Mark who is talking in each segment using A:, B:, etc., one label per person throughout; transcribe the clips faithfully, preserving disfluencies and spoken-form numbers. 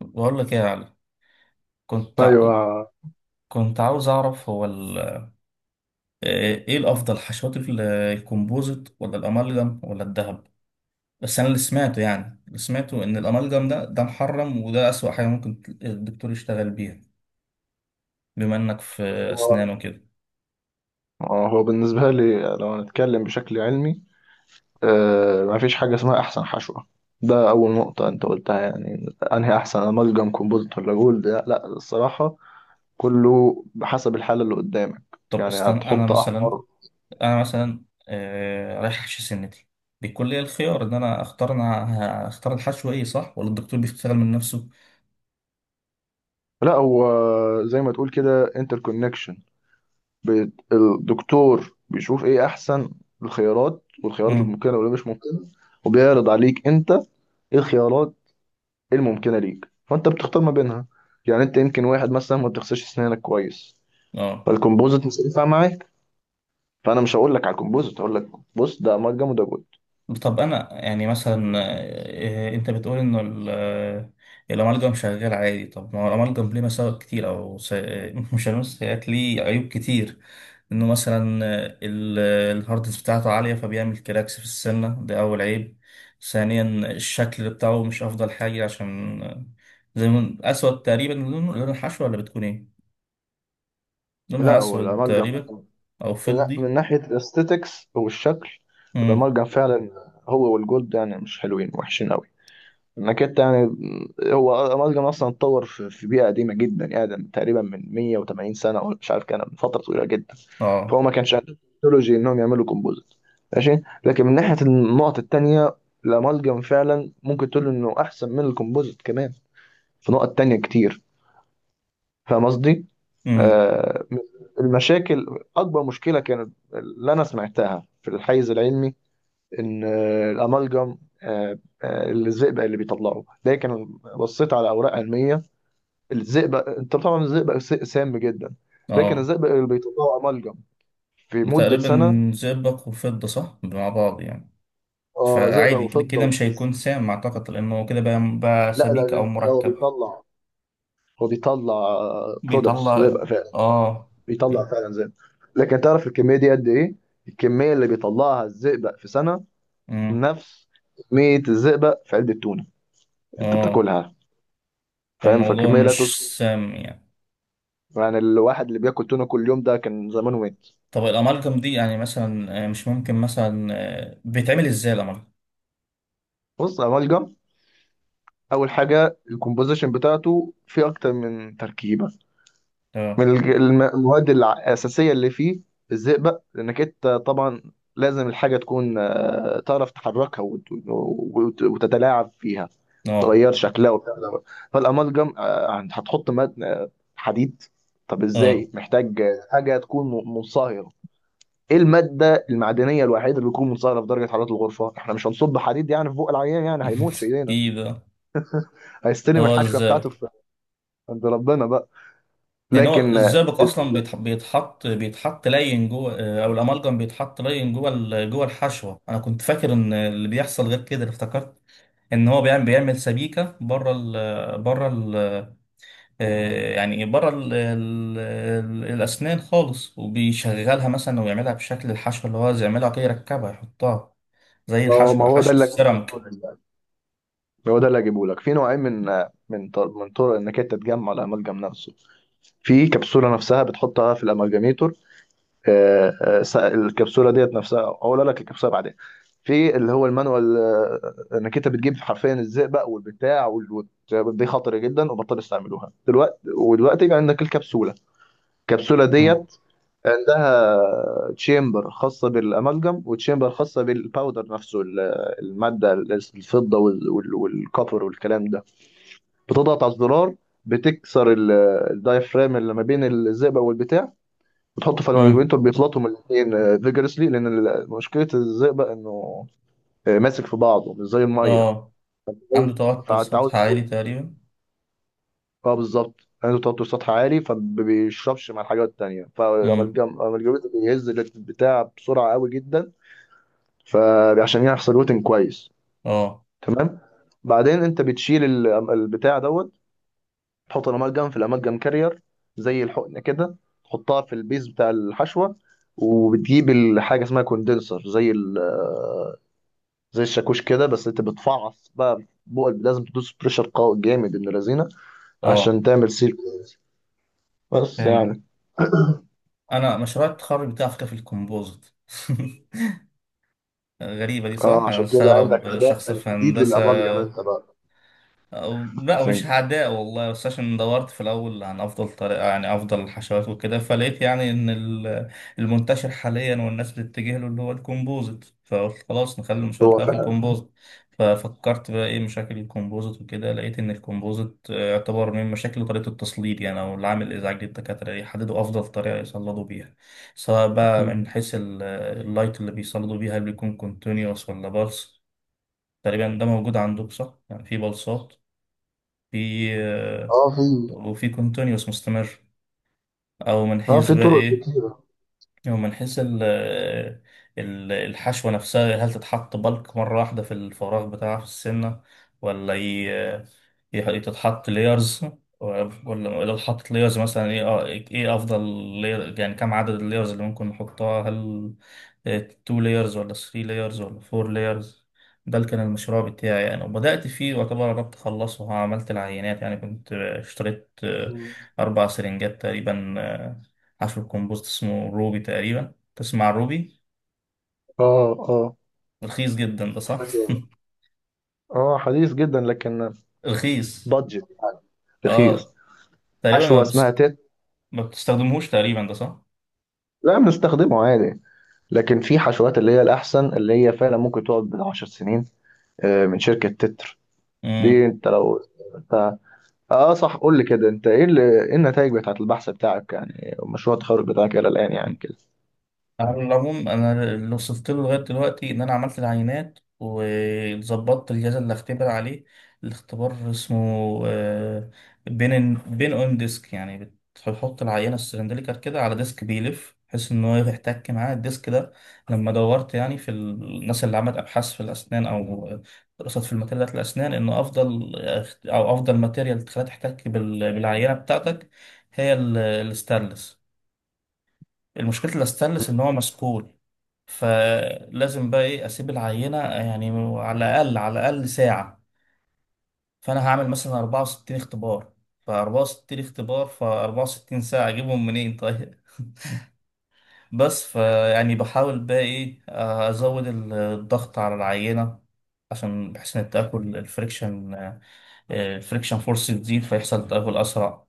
A: بقول لك ايه يا علي. كنت ع-
B: ايوه.
A: كنت عاوز اعرف هو ال... ايه الافضل حشوات ال- الكومبوزيت ولا الامالجم ولا الذهب؟ بس انا اللي سمعته، يعني اللي سمعته ان الامالجم ده ده محرم وده اسوأ حاجه ممكن الدكتور يشتغل بيها، بما انك في
B: هو
A: اسنان وكده.
B: آه، هو بالنسبه لي لو هنتكلم بشكل علمي، آه مفيش حاجه اسمها احسن حشوه. ده اول نقطه انت قلتها، يعني انهي احسن، امالجم كومبوزيت ولا جولد؟ لا لا، الصراحه كله بحسب الحاله اللي قدامك.
A: طب
B: يعني
A: استنى، انا
B: هتحط احمر.
A: مثلا انا مثلا آه، رايح احشي سنتي، بيكون لي الخيار ان انا اختار، انا هختار الحشو ايه، صح، ولا الدكتور بيشتغل من نفسه؟
B: لا هو، زي ما تقول كده انتر كونكشن، الدكتور بيشوف ايه احسن الخيارات، والخيارات
A: امم.
B: الممكنه واللي مش ممكنه، وبيعرض عليك انت ايه الخيارات، إيه الممكنه ليك، فانت بتختار ما بينها. يعني انت يمكن واحد مثلا ما بتغسلش اسنانك كويس،
A: اه.
B: فالكمبوزيت مش هينفع معاك، فانا مش هقول لك على الكمبوزيت، هقول لك بص، ده امالجم وده جود.
A: طب انا يعني مثلا، آه، انت بتقول انه ال- آه، الامالجم شغال عادي، طب ما هو الامالجم ليه مساوئ كتير، او س- آه، مش هنقول سيئات، ليه عيوب كتير، انه مثلا آه، ال- آه، الهاردنس بتاعته عاليه فبيعمل كراكس في السنه، ده اول عيب. ثانيا الشكل بتاعه مش افضل حاجه، عشان آه، زي ما اسود تقريبا، لون لون الحشوه، ولا بتكون ايه،
B: لا،
A: لونها
B: هو
A: اسود
B: الامالجم
A: تقريبا او فضي.
B: من ناحيه الاستيتكس والشكل،
A: امم.
B: الامالجم فعلا هو والجولد يعني مش حلوين، وحشين قوي، انك انت يعني. هو الامالجم اصلا اتطور في في بيئه قديمه جدا، ادم، تقريبا من مية وتمانين سنه، ولا مش عارف، كان من فتره طويله جدا.
A: اه.
B: فهو ما كانش عنده تكنولوجي انهم يعملوا كومبوزيت. ماشي. لكن من ناحية النقط التانية، الأمالجم فعلا ممكن تقول إنه أحسن من الكومبوزيت كمان في نقط تانية كتير. فاهم قصدي؟
A: امم.
B: آه المشاكل، أكبر مشكلة كانت اللي أنا سمعتها في الحيز العلمي إن آه الأمالجم، آه آه الزئبق اللي بيطلعه. لكن بصيت على أوراق علمية. الزئبق، أنت طبعا الزئبق س- سام جدا. لكن
A: اه.
B: الزئبق اللي بيطلعه أمالجم في مدة
A: تقريبا
B: سنة،
A: زئبق وفضة، صح، مع بعض يعني؟
B: آه زئبق
A: فعادي كده،
B: وفضة
A: كده
B: و...
A: مش هيكون سام أعتقد، لأنه هو كده بقى, بقى
B: لا
A: سبيك أو
B: لا، هو
A: مركب.
B: بيطلع هو بيطلع برودكتس
A: بيطلع.
B: زئبق فعلا.
A: آه.
B: بيطلع فعلا زئبق. لكن تعرف الكميه دي قد ايه؟ الكميه اللي بيطلعها الزئبق في سنه
A: أمم.
B: نفس كميه الزئبق في علبه تونه انت
A: آه.
B: بتاكلها. فاهم؟
A: فالموضوع
B: فالكميه لا
A: مش
B: تذكر.
A: سام يعني.
B: يعني الواحد اللي بياكل تونه كل يوم ده كان زمانه مات.
A: طب الأمالجم دي يعني مثلا آه، مش ممكن مثلا، آه، بيتعمل إزاي الأمالجم؟
B: بص يا ملجم، اول حاجه، الكومبوزيشن بتاعته فيه اكتر من تركيبه.
A: آه.
B: من الج- الم- المواد الع- الأساسية اللي فيه الزئبق، لأنك أنت طبعا لازم الحاجة تكون، آه، تعرف تحركها وت- وت- وتتلاعب فيها،
A: آه.
B: تغير شكلها وبتاع ده. فالأمالجم آه، هتحط ماد آه، حديد. طب
A: آه.
B: إزاي؟ محتاج آه، حاجة تكون م- منصهرة. إيه المادة المعدنية الوحيدة اللي بتكون منصهرة في درجة حرارة الغرفة؟ إحنا مش هنصب حديد يعني في بق العيان، يعني هيموت في إيدينا،
A: كده.
B: هيستلم
A: هو
B: الحشوة بتاعته
A: الزئبق.
B: في عند ربنا بقى.
A: يعني هو
B: لكن آه،
A: الزئبق اصلا بيتح- بيتحط بيتحط لين جوه، آه، او الامالجم بيتحط لين جوه ال- جوه الحشوه؟ انا كنت فاكر ان اللي بيحصل غير كده، اللي افتكرت ان هو بيعمل بيعمل سبيكه بره ال بره ال آه، يعني بره ال ال الاسنان خالص، وبيشغلها مثلا ويعملها بشكل الحشوه اللي هو عايز يعملها كده، يركبها يحطها، زي
B: ما هو ما
A: الحشو،
B: هو ده
A: حشو
B: اللي
A: السيراميك.
B: هو ده اللي هجيبه لك. في نوعين من من طر- من طرق انك انت تجمع الاملجم نفسه في كبسوله نفسها، بتحطها في الاملجميتور. آه، آه، س- الكبسوله ديت نفسها، اقول لك الكبسوله بعدين. في اللي هو المانوال، آه، انك انت بتجيب حرفيا الزئبق والبتاع وال- وت- دي خطر جدا وبطل استعملوها دلوقتي، ودلوقتي بقى عندك الكبسوله الكبسوله
A: مم.
B: ديت عندها تشامبر خاصه بالاملجم، وتشامبر خاصه بالباودر نفسه، ال- الماده، الفضه وال- وال- والكوبر والكلام ده. بتضغط على الزرار، بتكسر ال- الدايفرام اللي ما بين الزئبق والبتاع. بتحطه في
A: مم.
B: المانجمنتور بيخلطهم الاثنين فيجرسلي، لان ال- مشكله الزئبق انه آه، ماسك في بعضه، مش زي الميه.
A: اه. عنده توتر
B: فانت عاوز
A: سطح عالي
B: تقول
A: تقريبا.
B: اه، بالظبط، عنده توتر سطح عالي، فما بيشربش مع الحاجات التانية.
A: مم.
B: فالجم بيهز البتاع بسرعة قوي جدا فعشان يحصل روتين كويس.
A: اه.
B: تمام. بعدين انت بتشيل ال- البتاع دوت، تحط الأمالجم في الأمالجم كارير، زي الحقنة كده، تحطها في البيز بتاع الحشوة. وبتجيب الحاجة اسمها كوندنسر، زي ال- آه، زي الشاكوش كده، بس انت بتفعص بقى بقى لازم تدوس بريشر قوي جامد ابن لذينه
A: اه.
B: عشان تعمل سيل كويس. بس
A: فهمت.
B: يعني.
A: انا مشروع التخرج بتاعي على فكره في الكومبوزيت. غريبه دي، صح،
B: اه،
A: انا
B: عشان كده عندك
A: مستغرب
B: اداء
A: شخص في
B: شديد
A: هندسه.
B: للامالجم انت بقى.
A: أو- لا مش
B: عشان
A: عداء والله، بس عشان دورت في الأول عن أفضل طريقة، يعني أفضل الحشوات وكده، فلقيت يعني إن ال- المنتشر حاليا والناس بتتجه له اللي هو الكومبوزيت، فقلت خلاص نخلي المشروع
B: هو
A: بتاعي في
B: فعلا.
A: الكومبوزيت. ففكرت بقى إيه مشاكل الكومبوزيت وكده، لقيت إن الكومبوزيت آه، يعتبر من مشاكل طريقة التصليد، يعني أو العامل الإزعاجي للدكاترة يحددوا أفضل طريقة يصلدوا بيها، سواء بقى من
B: مم.
A: حيث ال- اللايت اللي بيصلدوا بيها، هل بيكون كونتينيوس ولا بالس. تقريبا ده موجود عندك، صح؟ يعني في بلصات في،
B: اه، في.
A: وفي كونتينيوس مستمر. او من
B: اه،
A: حيث
B: في
A: بقى
B: طرق
A: ايه،
B: كتيره.
A: هو من حيث ال- ال- الحشوة نفسها، هل تتحط بلك مرة واحدة في الفراغ بتاعها في السنة، ولا ي... ي- تتحط ليرز، ولا لو اتحطت ليرز مثلا ايه، اه، ايه افضل layer- يعني كم عدد الليرز اللي ممكن نحطها، هل اتنين layers ولا تلاتة layers ولا اربعة layers. ده اللي كان المشروع بتاعي يعني، وبدأت فيه واعتبر قربت أخلصه، عملت العينات يعني، كنت اشتريت
B: مم.
A: أربع سرنجات تقريبا. حشو الكمبوست اسمه روبي تقريبا، تسمع روبي؟
B: اه اه.
A: رخيص جدا ده، صح؟
B: حشوة. اه، حديث جدا لكن
A: رخيص.
B: بادجت، رخيص.
A: اه. تقريبا ما,
B: حشوه اسمها
A: بس...
B: تيت.
A: ما بتستخدمهوش تقريبا ده، صح؟
B: لا، بنستخدمه عادي. لكن في حشوات اللي هي الأحسن، اللي هي فعلا ممكن تقعد بالعشر سنين، آه، من شركة تتر.
A: امم.
B: دي انت لو انت، اه صح، قول لي كده، انت ايه اللي ايه النتائج بتاعت البحث بتاعك يعني، ومشروع التخرج بتاعك الى الآن يعني كده.
A: على العموم انا اللي وصلت له لغايه دلوقتي ان انا عملت العينات وظبطت الجهاز اللي هختبر عليه. الاختبار اسمه آه، بين بين اون ديسك، يعني بتحط العينه السلندريكال كده على ديسك بيلف، بحيث ان هو يحتك معاه الديسك ده. لما دورت يعني في الناس اللي عملت ابحاث في الاسنان، او دراسات في الماتيريالات الاسنان، ان افضل او افضل ماتيريال تخليها تحتك بال- بالعينه بتاعتك، هي ال- الستانلس. المشكله الستانلس ان هو مسكون، فلازم بقى ايه اسيب العينه يعني على الاقل، على الاقل ساعه. فانا هعمل مثلا اربعة وستين اختبار، ف اربعة وستين اختبار ف اربعة وستين ساعه، اجيبهم منين طيب؟ بس فيعني بحاول بقى ايه، ازود الضغط على العينه، عشان بحيث ان تاكل الفريكشن، الفريكشن فورس يزيد فيحصل تدهور أسرع،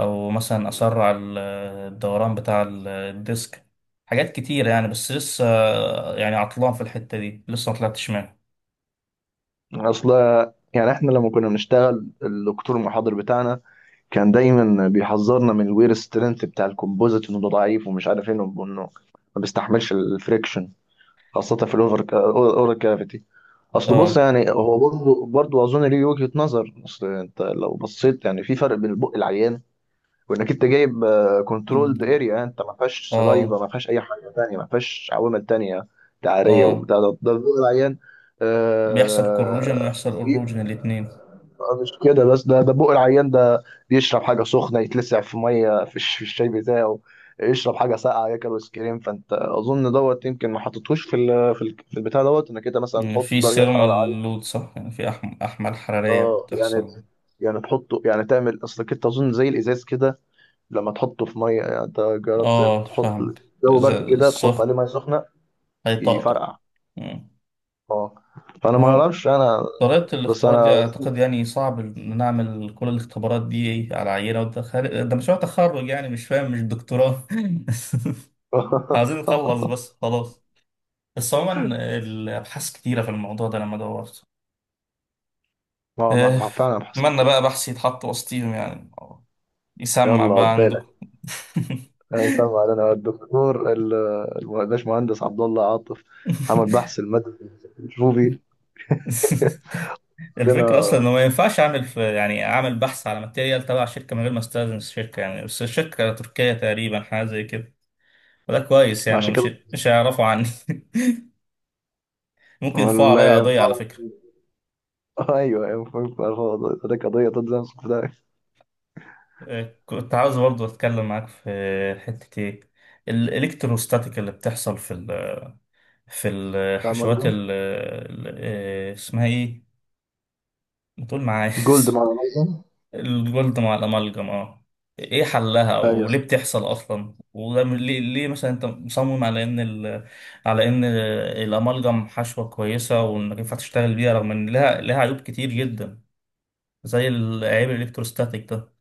A: أو مثلا أسرع ال- آه، الدوران بتاع ال- آه، الديسك. حاجات كتيرة يعني، بس لسه آه، يعني عطلان في الحتة دي، لسه ما طلعتش منها.
B: اصل يعني احنا لما كنا بنشتغل الدكتور المحاضر بتاعنا كان دايما بيحذرنا من الوير سترينث بتاع الكومبوزيت، انه ده ضعيف ومش عارف ايه، انه إنه ما بيستحملش الفريكشن، خاصة في الاوفر اورال كافيتي. اصل بص
A: اه.
B: يعني هو، برضه برضه اظن ليه وجهة نظر. اصل انت لو بصيت يعني في فرق بين البق العيان وانك انت جايب كنترولد اريا، انت ما فيهاش سلايفا،
A: اه.
B: ما فيهاش اي حاجه تانية، ما فيهاش عوامل تانية، تعاريه
A: اه.
B: وبتاع ده ده البق العيان.
A: بيحصل كروجن ويحصل
B: آه
A: اروجن الاتنين.
B: مش كده بس، ده ده بق العيان ده بيشرب حاجه سخنه، يتلسع في ميه، في الش- في الشاي بتاعه، يشرب حاجه ساقعه، ياكل ايس كريم. فانت اظن دوت يمكن ما حطيتهوش في ال- في ال- في البتاع دوت، انك انت مثلا
A: يعني
B: تحط
A: في
B: درجه حراره.
A: سيرمال لود، صح، يعني في أحم- أحمال حرارية
B: اه يعني
A: بتحصل.
B: يعني تحطه، يعني تعمل، اصلك انت اظن زي الازاز كده، لما تحطه في ميه. يعني انت جربت
A: اه.
B: تحط
A: فهمت.
B: جو برد
A: إذا
B: كده تحط عليه
A: الصخر
B: ميه سخنه؟
A: هيطقطق.
B: يفرقع.
A: مم.
B: اه. فانا
A: ما
B: ما
A: هو
B: اعرفش انا،
A: طريقة
B: بس
A: الاختبار دي
B: انا
A: أعتقد يعني صعب إن نعمل كل الاختبارات دي على عينة، وده خارج- ده مشروع تخرج يعني، مش فاهم، مش دكتوراه. عايزين نخلص بس خلاص. بس عموما الأبحاث كتيرة في الموضوع ده لما دورت.
B: ما
A: آه،
B: ما فعلا بحس.
A: أتمنى بقى بحثي يتحط وسطيهم يعني، يسمع
B: يلا
A: بقى
B: عقبالك.
A: عندكم.
B: انا سامع، انا الدكتور، ال- الباش مهندس عبد الله عاطف عمل بحث المادة الروبي علينا.
A: الفكرة أصلا إنه ما ينفعش أعمل في، يعني أعمل بحث على ماتيريال تبع شركة من غير ما أستأذن الشركة يعني، بس الشركة تركية تقريبا حاجة زي كده، فده كويس
B: ما
A: يعني،
B: عشان
A: مش
B: كده
A: مش هيعرفوا عني. ممكن يرفعوا عليا
B: ولا
A: قضية
B: ينفع.
A: على فكرة.
B: ايوه ايوه، فاهم، فاهم، فاهم، ده قضيه تنزل في ده.
A: آه، كنت عاوز برضه أتكلم معاك في حتة إيه، الإلكتروستاتيك اللي بتحصل في ال، في
B: ده
A: الحشوات
B: مجنون.
A: ال ال- آه، اسمها إيه؟ ما تقول معايا.
B: جولد مع الأمازون.
A: الجولد مع الأمالجم، أه. إيه حلها
B: ايوه.
A: وليه بتحصل أصلا؟ وده من- ليه، ليه مثلا أنت مصمم على إن ال، على إن الأمالجم حشوة كويسة، وإنك ينفع تشتغل بيها، رغم إن لها لها عيوب كتير جدا، زي العيب الالكتروستاتيك ده؟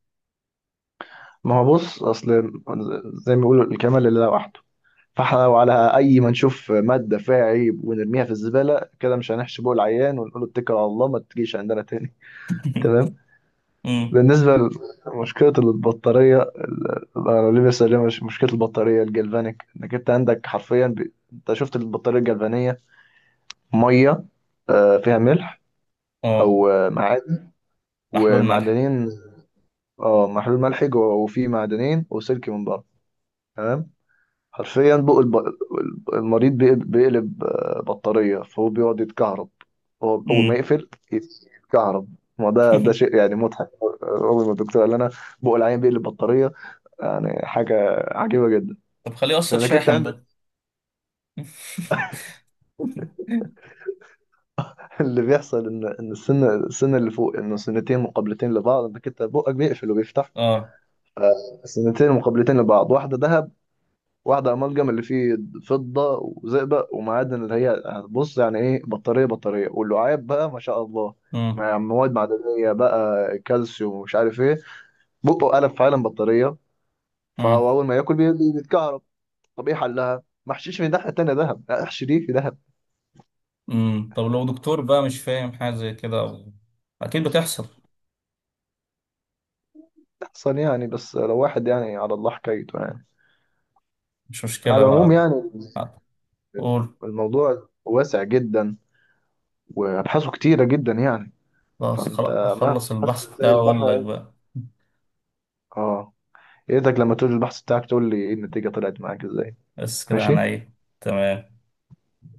B: ما هو بص، اصل زي ما بيقولوا الكمال لله وحده. فاحنا لو على اي ما نشوف ماده فيها عيب ونرميها في الزباله كده، مش هنحشي بقى العيان ونقول له اتكل على الله ما تجيش عندنا تاني. تمام.
A: امم.
B: بالنسبه لمشكله البطاريه ال- انا، ليه بس، ليه مش مشكله البطاريه الجلفانيك؟ انك انت عندك حرفيا ب... انت شفت البطاريه الجلفانيه؟ ميه، آه، فيها ملح،
A: اه.
B: او آه، معادن،
A: محلول ملح.
B: ومعدنين. اه، محلول ملحي جوه، وفيه معدنين وسلك من بره. تمام. حرفيا بقى الب- المريض بيقل- بيقلب آه، بطارية، فهو بيقعد يتكهرب. هو أول ما
A: امم.
B: يقفل يتكهرب. ما ده ده شيء يعني مضحك. أول ما الدكتور قال لنا بقى العين بيقلب بطارية، يعني حاجة عجيبة جدا.
A: طب خليه يوصل
B: لأنك أنت
A: شاحن
B: عندك
A: بقى.
B: اللي بيحصل إن إن السن السن اللي فوق، إنه سنتين مقابلتين لبعض، إنك أنت بقك بيقفل وبيفتح.
A: اه.
B: سنتين مقابلتين لبعض، واحدة دهب واحدة أمالجم اللي فيه فضة وزئبق ومعادن، اللي هي، بص يعني إيه، بطارية بطارية، واللعاب بقى ما شاء الله
A: امم.
B: مع مواد معدنية بقى، كالسيوم ومش عارف إيه، بقه قلب فعلا بطارية. فهو
A: امم.
B: أول ما ياكل بي- بي- بيتكهرب. طب إيه حلها؟ ما احشيش من الناحية التانية دهب، لا، احشي دي في دهب
A: امم. طب لو دكتور بقى مش فاهم حاجة زي كده أو... أكيد بتحصل.
B: أحسن يعني. بس لو واحد يعني على الله حكايته يعني.
A: مش مشكلة
B: على العموم
A: بقى.
B: يعني
A: قول.
B: الموضوع واسع جدا، وأبحاثه كتيرة جدا يعني،
A: خلاص، خل-
B: فأنت مهما
A: أخلص
B: بحثت
A: البحث
B: تلاقي
A: ده وأقول لك
B: البحر.
A: بقى.
B: اه. يا ريتك لما تقول البحث بتاعك تقول لي ايه النتيجة، طلعت معاك ازاي.
A: بس كده عن
B: ماشي.
A: إيه؟ تمام.